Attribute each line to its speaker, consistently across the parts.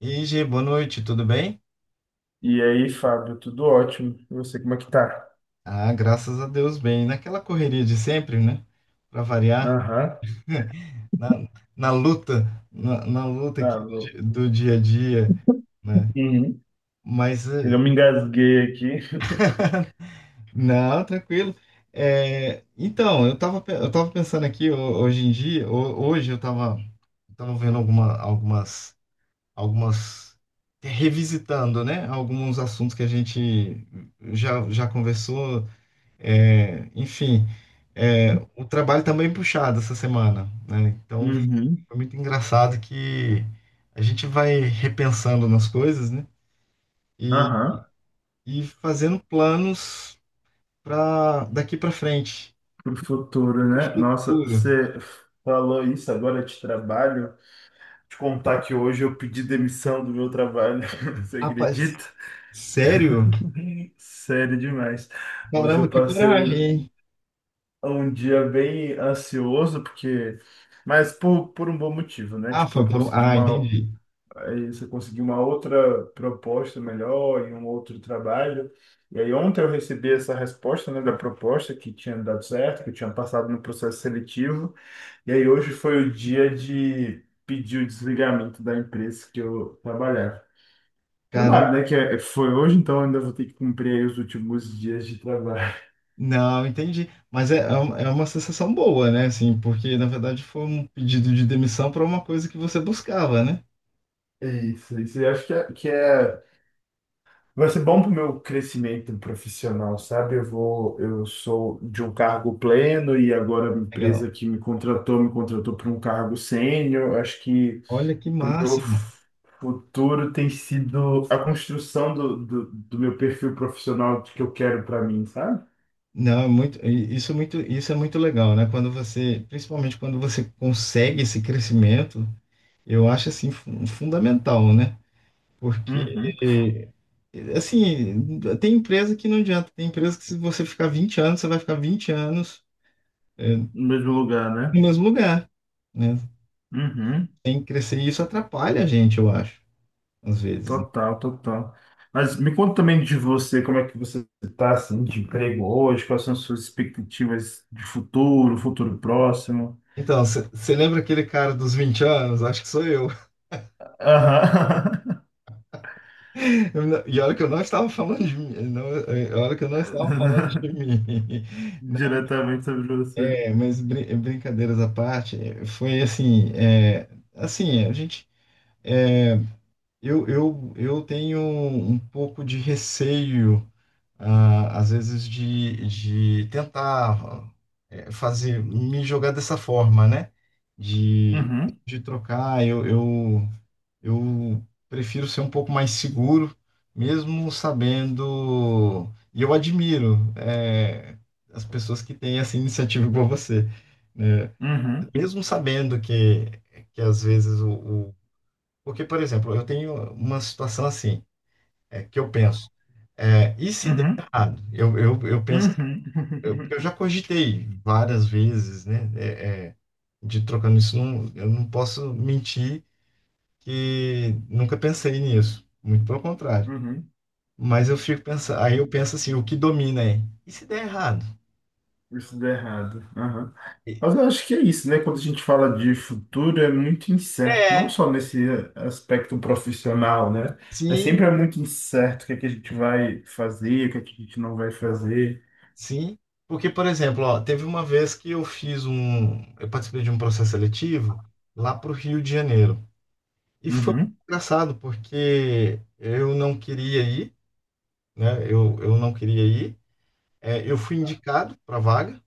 Speaker 1: E G, boa noite, tudo bem?
Speaker 2: E aí, Fábio, tudo ótimo. E você, como é que tá?
Speaker 1: Ah, graças a Deus, bem. Naquela correria de sempre, né? Para variar,
Speaker 2: Aham.
Speaker 1: na, na luta, na luta aqui
Speaker 2: Ah, meu.
Speaker 1: do dia a dia, né?
Speaker 2: Uhum.
Speaker 1: Mas,
Speaker 2: Eu me engasguei aqui.
Speaker 1: não, tranquilo. É, então, eu tava pensando aqui hoje em dia, hoje eu tava vendo algumas, revisitando, né? Alguns assuntos que a gente já conversou. É, enfim, o trabalho tá bem puxado essa semana, né? Então
Speaker 2: Uhum.
Speaker 1: foi muito engraçado que a gente vai repensando nas coisas, né? E,
Speaker 2: Aham.
Speaker 1: e fazendo planos para daqui para frente.
Speaker 2: Pro futuro, né? Nossa,
Speaker 1: Juro.
Speaker 2: você falou isso agora de trabalho. Te contar que hoje eu pedi demissão do meu trabalho. Você
Speaker 1: Rapaz,
Speaker 2: acredita?
Speaker 1: sério?
Speaker 2: Sério demais. Hoje
Speaker 1: Caramba,
Speaker 2: eu
Speaker 1: que
Speaker 2: passei
Speaker 1: coragem, hein?
Speaker 2: um dia bem ansioso, porque. Mas por um bom motivo, né?
Speaker 1: Ah,
Speaker 2: Tipo, eu
Speaker 1: foi por um...
Speaker 2: consegui
Speaker 1: Ah,
Speaker 2: uma
Speaker 1: entendi.
Speaker 2: aí você conseguiu uma outra proposta melhor e um outro trabalho. E aí ontem eu recebi essa resposta, né, da proposta que tinha dado certo, que eu tinha passado no processo seletivo. E aí hoje foi o dia de pedir o desligamento da empresa que eu trabalhava.
Speaker 1: Caramba.
Speaker 2: Trabalho, né, que é- foi hoje, então ainda vou ter que cumprir aí os últimos dias de trabalho.
Speaker 1: Não, entendi. Mas é uma sensação boa, né? Assim, porque na verdade foi um pedido de demissão para uma coisa que você buscava, né?
Speaker 2: É isso, isso. Eu acho que é que é vai ser bom para o meu crescimento profissional, sabe? Eu vou, eu sou de um cargo pleno e agora a
Speaker 1: Legal.
Speaker 2: empresa que me contratou para um cargo sênior. Eu acho que
Speaker 1: Olha que
Speaker 2: para o meu
Speaker 1: máximo.
Speaker 2: futuro tem sido a construção do meu perfil profissional que eu quero para mim, sabe?
Speaker 1: Não, isso é muito legal, né? Quando você, principalmente quando você consegue esse crescimento, eu acho assim fundamental, né? Porque
Speaker 2: Uhum.
Speaker 1: assim, tem empresa que não adianta, tem empresa que se você ficar 20 anos, você vai ficar 20 anos é,
Speaker 2: No mesmo lugar, né?
Speaker 1: no mesmo lugar, né?
Speaker 2: Uhum.
Speaker 1: Tem que crescer e isso atrapalha a gente, eu acho, às vezes, né?
Speaker 2: Total, total. Mas me conta também de você, como é que você está assim, de emprego hoje, quais são as suas expectativas de futuro, futuro próximo?
Speaker 1: Então, você lembra aquele cara dos 20 anos? Acho que sou eu.
Speaker 2: Aham.
Speaker 1: E olha que eu não estava falando de mim. Não, olha que eu não estava falando de mim. Não,
Speaker 2: Diretamente sobre você.
Speaker 1: mas brincadeiras à parte, foi assim, assim, a gente, é, eu, eu tenho um pouco de receio, ah, às vezes, de tentar fazer, me jogar dessa forma, né? De,
Speaker 2: Uhum,
Speaker 1: de trocar, eu prefiro ser um pouco mais seguro, mesmo sabendo. E eu admiro, as pessoas que têm essa iniciativa igual você, né?
Speaker 2: uhum,
Speaker 1: Mesmo sabendo que às vezes. Porque, por exemplo, eu tenho uma situação assim, que eu penso, e se der
Speaker 2: uhum,
Speaker 1: errado? Eu penso,
Speaker 2: uhum,
Speaker 1: eu já cogitei várias vezes, né? De trocando isso, não, eu não posso mentir que nunca pensei nisso, muito pelo contrário.
Speaker 2: uhum.
Speaker 1: Mas eu fico pensando, aí eu penso assim, o que domina e se der errado?
Speaker 2: Isso dá errado. Aham.
Speaker 1: E-
Speaker 2: Mas eu acho que é isso, né? Quando a gente fala de futuro, é muito incerto. Não
Speaker 1: É,
Speaker 2: só nesse aspecto profissional, né? Mas
Speaker 1: sim,
Speaker 2: sempre é muito incerto o que é que a gente vai fazer, o que é que a gente não vai fazer.
Speaker 1: sim. Porque, por exemplo, ó, teve uma vez que eu participei de um processo seletivo lá para o Rio de Janeiro. E foi
Speaker 2: Uhum,
Speaker 1: engraçado, porque eu não queria ir, né? Eu não queria ir. É, eu fui indicado para a vaga.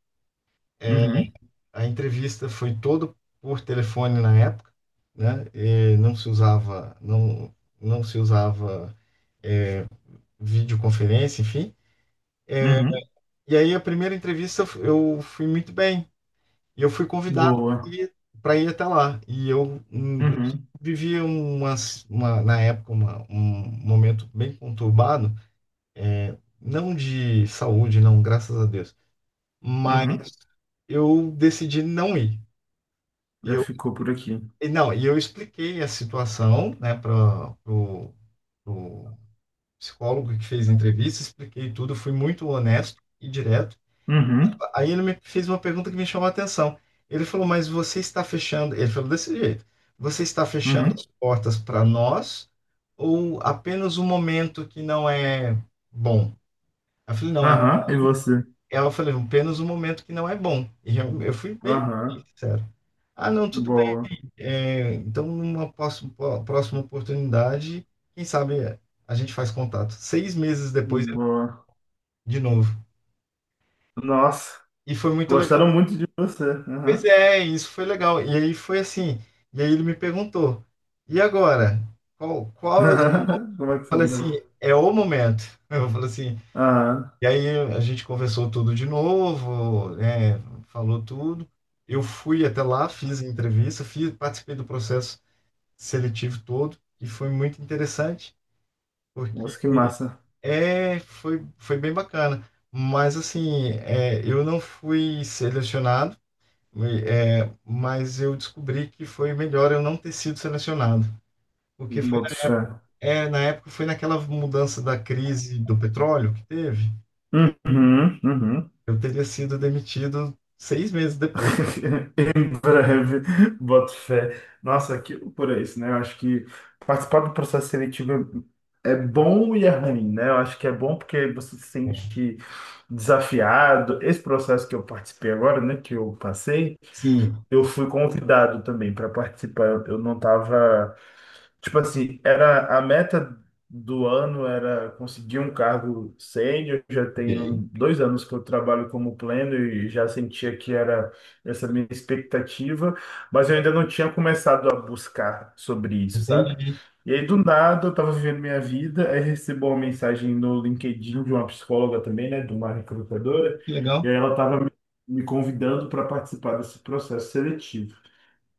Speaker 2: uhum,
Speaker 1: A entrevista foi toda por telefone na época, né? E não se usava videoconferência, enfim.
Speaker 2: uhum.
Speaker 1: E aí a primeira entrevista eu fui muito bem. E eu fui convidado para
Speaker 2: Boa.
Speaker 1: ir, pra ir até lá. E eu
Speaker 2: Uhum,
Speaker 1: vivia na época um momento bem conturbado, não de saúde, não, graças a Deus. Mas
Speaker 2: uhum.
Speaker 1: eu decidi não ir. E
Speaker 2: Já
Speaker 1: eu
Speaker 2: ficou por aqui.
Speaker 1: E Não, e eu expliquei a situação, né, para o psicólogo que fez a entrevista, expliquei tudo, fui muito honesto e direto.
Speaker 2: Uhum,
Speaker 1: Aí ele me fez uma pergunta que me chamou a atenção. Ele falou, mas você está fechando, ele falou desse jeito, você está fechando
Speaker 2: uhum.
Speaker 1: as portas para nós ou apenas um momento que não é bom? Eu falei, não,
Speaker 2: Aham, e você?
Speaker 1: ela falou apenas um momento que não é bom. E eu fui bem
Speaker 2: Aham.
Speaker 1: sincero. Ah, não, tudo bem.
Speaker 2: Boa,
Speaker 1: É, então, numa próxima oportunidade, quem sabe a gente faz contato. 6 meses depois,
Speaker 2: boa.
Speaker 1: de novo.
Speaker 2: Nossa,
Speaker 1: E foi muito legal.
Speaker 2: gostaram muito de você.
Speaker 1: Pois
Speaker 2: Aham.
Speaker 1: é, isso foi legal. E aí foi assim. E aí ele me perguntou: e agora? Qual, qual é o. Eu
Speaker 2: Como é que você
Speaker 1: falei assim:
Speaker 2: deu?
Speaker 1: é o momento. Eu falei assim.
Speaker 2: Ah,
Speaker 1: E aí a gente conversou tudo de novo, né, falou tudo. Eu fui até lá, fiz a entrevista, fiz, participei do processo seletivo todo. E foi muito interessante, porque
Speaker 2: nossa, que massa.
Speaker 1: Foi, foi bem bacana. Mas assim, eu não fui selecionado, e, mas eu descobri que foi melhor eu não ter sido selecionado. Porque foi
Speaker 2: Boto
Speaker 1: na
Speaker 2: fé.
Speaker 1: época, na época foi naquela mudança da crise do petróleo que teve.
Speaker 2: Uhum, uhum.
Speaker 1: Eu teria sido demitido 6 meses depois.
Speaker 2: Em breve, boto fé. Nossa, que loucura isso, né? Eu acho que participar do processo seletivo é é bom e é ruim, né? Eu acho que é bom porque você se sente desafiado. Esse processo que eu participei agora, né, que eu passei,
Speaker 1: Sim,
Speaker 2: eu fui convidado também para participar. Eu não estava. Tipo assim, era a meta do ano era conseguir um cargo sênior. Já
Speaker 1: ok.
Speaker 2: tenho 2 anos que eu trabalho como pleno e já sentia que era essa minha expectativa, mas eu ainda não tinha começado a buscar sobre isso, sabe?
Speaker 1: Entendi.
Speaker 2: E aí, do nada, eu estava vivendo minha vida, aí recebo uma mensagem no LinkedIn de uma psicóloga também, né, de uma recrutadora,
Speaker 1: Que
Speaker 2: e
Speaker 1: legal.
Speaker 2: aí ela estava me convidando para participar desse processo seletivo.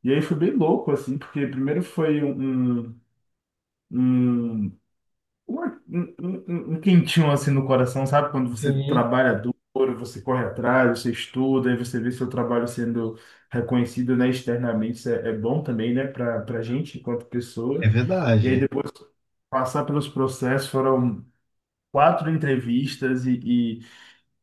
Speaker 2: E aí foi bem louco, assim, porque primeiro foi um, um quentinho assim no coração, sabe? Quando você
Speaker 1: Sim,
Speaker 2: trabalha duro, você corre atrás, você estuda, aí você vê seu trabalho sendo reconhecido, né, externamente, isso é, é bom também, né, para gente enquanto pessoa.
Speaker 1: é
Speaker 2: E aí
Speaker 1: verdade.
Speaker 2: depois passar pelos processos, foram 4 entrevistas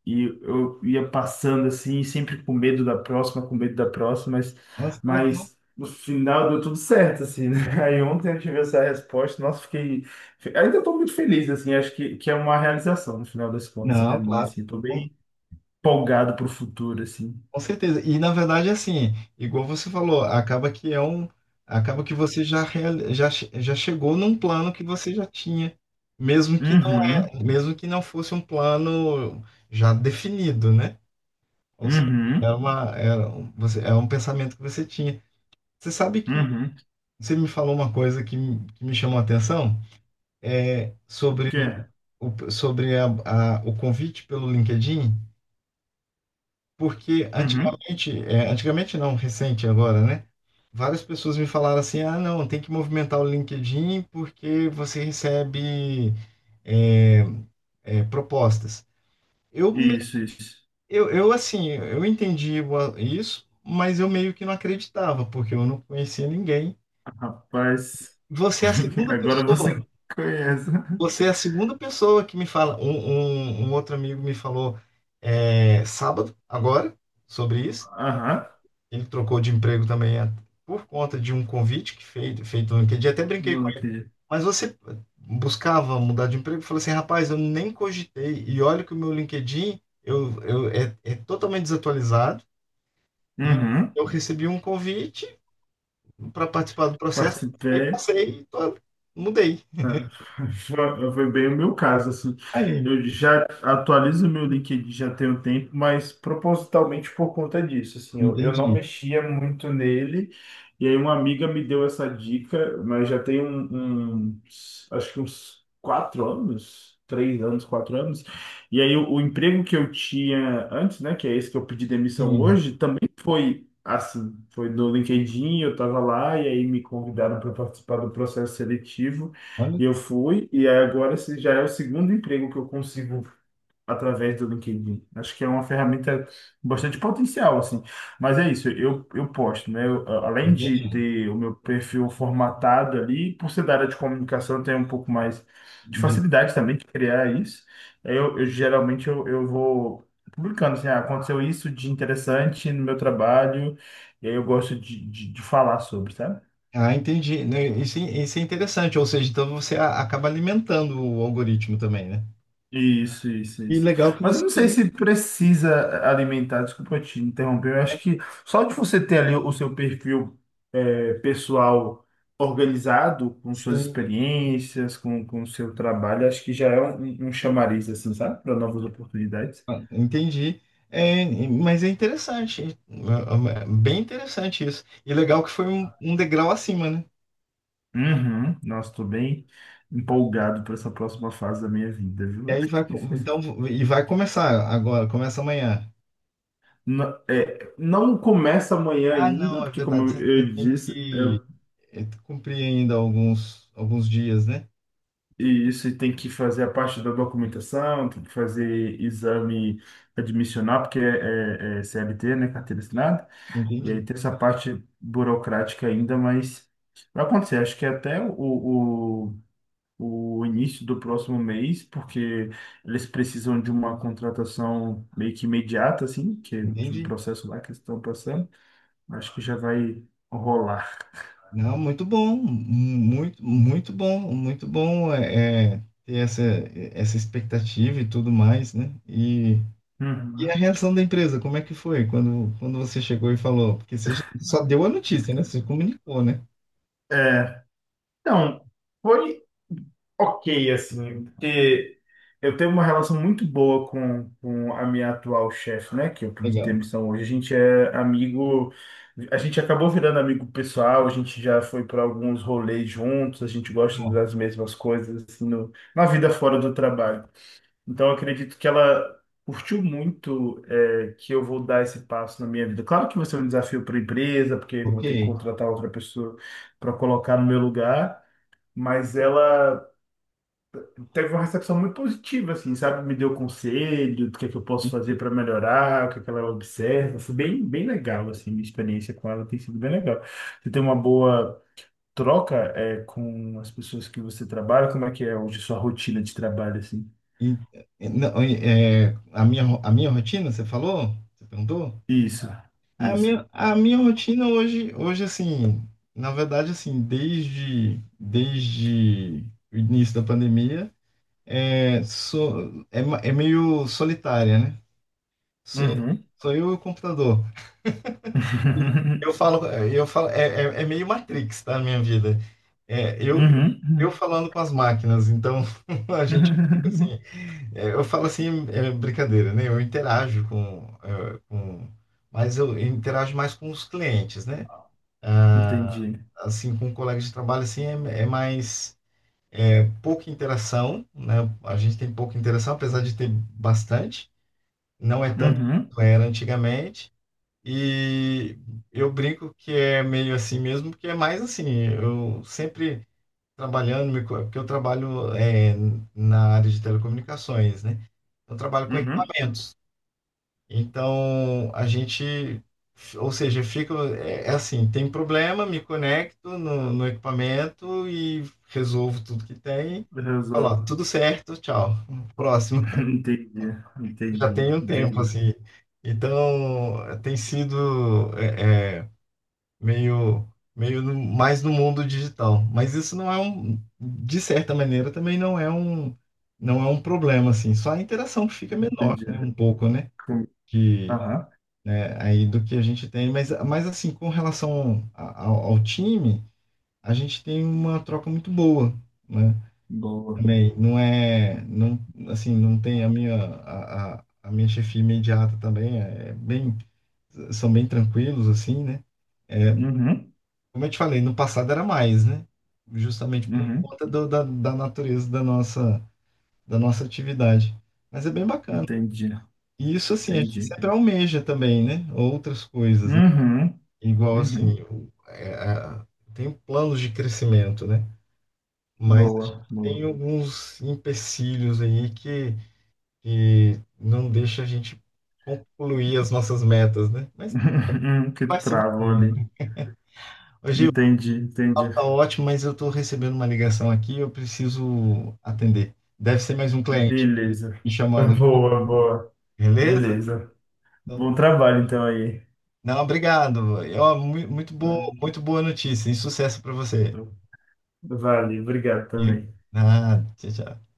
Speaker 2: e eu ia passando assim, sempre com medo da próxima, com medo da próxima,
Speaker 1: Nossa, que legal.
Speaker 2: mas no final deu tudo certo, assim, né? Aí ontem eu tive essa resposta, nossa, ainda estou muito feliz, assim, acho que é uma realização no final das contas para
Speaker 1: Não,
Speaker 2: mim,
Speaker 1: claro.
Speaker 2: assim, estou bem empolgado para o futuro, assim.
Speaker 1: Com certeza. E na verdade, assim, igual você falou, acaba que é um, acaba que você já chegou num plano que você já tinha, mesmo que não
Speaker 2: Uhum,
Speaker 1: é, mesmo que não fosse um plano já definido, né? Ou seja, é
Speaker 2: uhum,
Speaker 1: uma, você, é um pensamento que você tinha. Você sabe que
Speaker 2: uhum.
Speaker 1: você me falou uma coisa que me chamou a atenção, é
Speaker 2: O
Speaker 1: sobre
Speaker 2: que é?
Speaker 1: o, sobre o convite pelo LinkedIn. Porque
Speaker 2: Uhum.
Speaker 1: antigamente, antigamente não, recente agora, né? Várias pessoas me falaram assim: ah, não, tem que movimentar o LinkedIn porque você recebe é, propostas. Eu, me-
Speaker 2: Isso, isso.
Speaker 1: eu, assim, eu entendi isso, mas eu meio que não acreditava, porque eu não conhecia ninguém.
Speaker 2: Rapaz,
Speaker 1: Você é a segunda
Speaker 2: agora você
Speaker 1: pessoa,
Speaker 2: conhece.
Speaker 1: Você é a segunda pessoa que me fala. Um outro amigo me falou sábado, agora, sobre isso.
Speaker 2: Aham,
Speaker 1: Ele trocou de emprego também por conta de um convite que feito no LinkedIn. Até brinquei
Speaker 2: não
Speaker 1: com ele.
Speaker 2: acredito.
Speaker 1: Mas você buscava mudar de emprego? Eu falei assim, rapaz, eu nem cogitei. E olha que o meu LinkedIn é totalmente desatualizado. E
Speaker 2: Uhum.
Speaker 1: eu recebi um convite para participar do processo. E
Speaker 2: Participei.
Speaker 1: passei, e mudei.
Speaker 2: Foi bem o meu caso, assim.
Speaker 1: Aí,
Speaker 2: Eu já atualizo meu LinkedIn já tem um tempo, mas propositalmente por conta disso, assim, eu não
Speaker 1: entendi.
Speaker 2: mexia muito nele. E aí uma amiga me deu essa dica, mas já tem acho que uns 4 anos, 3 anos, 4 anos. E aí o emprego que eu tinha antes, né, que é esse que eu pedi demissão
Speaker 1: Sim,
Speaker 2: hoje, também foi assim, foi no LinkedIn, eu estava lá e aí me convidaram para participar do processo seletivo.
Speaker 1: olha,
Speaker 2: E eu fui, e aí agora esse já é o segundo emprego que eu consigo através do LinkedIn. Acho que é uma ferramenta bastante potencial, assim. Mas é isso, eu posto, né? Eu, a- além de
Speaker 1: entendi.
Speaker 2: ter o meu perfil formatado ali, por ser da área de comunicação, eu tenho um pouco mais de
Speaker 1: Entendi.
Speaker 2: facilidade também de criar isso. Aí eu geralmente eu vou publicando, assim, ah, aconteceu isso de interessante no meu trabalho, e aí eu gosto de falar sobre, sabe?
Speaker 1: Ah, entendi. Né, isso, isso é interessante, ou seja, então você acaba alimentando o algoritmo também, né?
Speaker 2: Isso, isso,
Speaker 1: E
Speaker 2: isso.
Speaker 1: legal que
Speaker 2: Mas eu
Speaker 1: você.
Speaker 2: não sei se precisa alimentar, desculpa te interromper, eu acho que só de você ter ali o seu perfil é, pessoal organizado, com suas
Speaker 1: Sim,
Speaker 2: experiências, com o seu trabalho, acho que já é um chamariz, assim, sabe? Para novas oportunidades.
Speaker 1: ah, entendi. É, mas é interessante, é bem interessante isso. E legal que foi um, um degrau acima, né?
Speaker 2: Uhum. Nossa, estou bem empolgado para essa próxima fase da minha vida,
Speaker 1: E
Speaker 2: viu?
Speaker 1: aí então, e vai começar agora, começa amanhã.
Speaker 2: Não, é, não começa amanhã
Speaker 1: Ah,
Speaker 2: ainda,
Speaker 1: não, é
Speaker 2: porque como
Speaker 1: verdade, você ainda
Speaker 2: eu
Speaker 1: tem
Speaker 2: disse,
Speaker 1: que cumprir ainda alguns dias, né?
Speaker 2: e isso e tem que fazer a parte da documentação, tem que fazer exame admissional, porque é, é- é CLT, né, carteira assinada, e
Speaker 1: Entendi,
Speaker 2: aí tem essa parte burocrática ainda, mas vai acontecer, acho que até o início do próximo mês, porque eles precisam de uma contratação meio que imediata, assim, que é de um
Speaker 1: entendi.
Speaker 2: processo lá que eles estão passando, acho que já vai rolar.
Speaker 1: Não, muito bom ter essa, essa expectativa e tudo mais, né? E a
Speaker 2: Uhum.
Speaker 1: reação da empresa, como é que foi quando, quando você chegou e falou? Porque você só deu a notícia, né? Você comunicou, né?
Speaker 2: É, então, foi. Ok, assim, porque eu tenho uma relação muito boa com a minha atual chefe, né? Que eu pedi
Speaker 1: Legal.
Speaker 2: demissão hoje. A gente é amigo, a gente acabou virando amigo pessoal, a gente já foi para alguns rolês juntos, a gente gosta
Speaker 1: Então,
Speaker 2: das mesmas coisas, assim, no, na vida fora do trabalho. Então, eu acredito que ela curtiu muito, é, que eu vou dar esse passo na minha vida. Claro que vai ser um desafio para a empresa, porque eu
Speaker 1: ok.
Speaker 2: vou ter que contratar outra pessoa para colocar no meu lugar, mas ela teve uma recepção muito positiva, assim, sabe? Me deu conselho do que é que eu posso
Speaker 1: E,
Speaker 2: fazer para melhorar, o que é que ela observa. Foi bem, bem legal, assim, minha experiência com ela tem sido bem legal. Você tem uma boa troca, é, com as pessoas que você trabalha? Como é que é hoje a sua rotina de trabalho, assim?
Speaker 1: e- não, a minha rotina, você falou? Você perguntou?
Speaker 2: Isso,
Speaker 1: A
Speaker 2: isso.
Speaker 1: minha rotina hoje, assim, na verdade, assim, desde o início da pandemia, sou, é meio solitária, né? Sou,
Speaker 2: Uhum.
Speaker 1: sou eu e o computador. Eu falo, é, eu falo, é, é, é meio Matrix, tá, a minha vida. É, eu, eu
Speaker 2: Uhum.
Speaker 1: falando com as máquinas, então a gente fica assim, eu falo assim, é brincadeira, né? Eu interajo com, com, mas eu interajo mais com os clientes, né? Ah,
Speaker 2: Entendi.
Speaker 1: assim, com colegas de trabalho, assim, pouca interação, né? A gente tem pouca interação, apesar de ter bastante, não é tanto
Speaker 2: Uhum.
Speaker 1: quanto era antigamente. E eu brinco que é meio assim mesmo, porque é mais assim, eu sempre trabalhando, porque eu trabalho na área de telecomunicações, né? Eu trabalho com
Speaker 2: Uhum.
Speaker 1: equipamentos. Então, a gente, ou seja, fica, é assim, tem problema, me conecto no, no equipamento e resolvo tudo que tem. Falo,
Speaker 2: Resolve.
Speaker 1: tudo certo, tchau. Próximo.
Speaker 2: Entendi,
Speaker 1: Já
Speaker 2: entendi,
Speaker 1: tem um tempo,
Speaker 2: entendi.
Speaker 1: assim. Então, tem sido... meio, mais no mundo digital. Mas isso não é um, de certa maneira, também não é um problema, assim. Só a interação que fica menor,
Speaker 2: Entendi.
Speaker 1: né, um pouco, né,
Speaker 2: Com-
Speaker 1: que,
Speaker 2: Aham.
Speaker 1: né, aí do que a gente tem. Mas assim, com relação ao, ao time, a gente tem uma troca muito boa, né,
Speaker 2: Boa.
Speaker 1: também. Não é, não, assim, não tem a minha chefia imediata também, é bem, são bem tranquilos, assim, né, é,
Speaker 2: Uhum,
Speaker 1: como eu te falei, no passado era mais, né? Justamente por
Speaker 2: uhum,
Speaker 1: conta da natureza da nossa atividade. Mas é bem bacana.
Speaker 2: entendi,
Speaker 1: E isso, assim, a gente
Speaker 2: entendi.
Speaker 1: sempre almeja também, né? Outras coisas, né?
Speaker 2: Uhum,
Speaker 1: Igual, assim,
Speaker 2: uhum,
Speaker 1: tem planos de crescimento, né? Mas a gente
Speaker 2: boa, boa.
Speaker 1: tem alguns empecilhos aí que não deixa a gente concluir as nossas metas, né? Mas tá,
Speaker 2: Uhum, que
Speaker 1: vai seguir.
Speaker 2: travam ali. Entendi, entendi.
Speaker 1: Papo tá ótimo, mas eu estou recebendo uma ligação aqui, eu preciso atender. Deve ser mais um cliente
Speaker 2: Beleza.
Speaker 1: me chamando, aqui,
Speaker 2: Boa, boa.
Speaker 1: beleza?
Speaker 2: Beleza.
Speaker 1: Então,
Speaker 2: Bom trabalho então aí.
Speaker 1: não, obrigado. E, ó, muito boa notícia e sucesso para você.
Speaker 2: Vale, obrigado
Speaker 1: E,
Speaker 2: também.
Speaker 1: ah, tchau, tchau.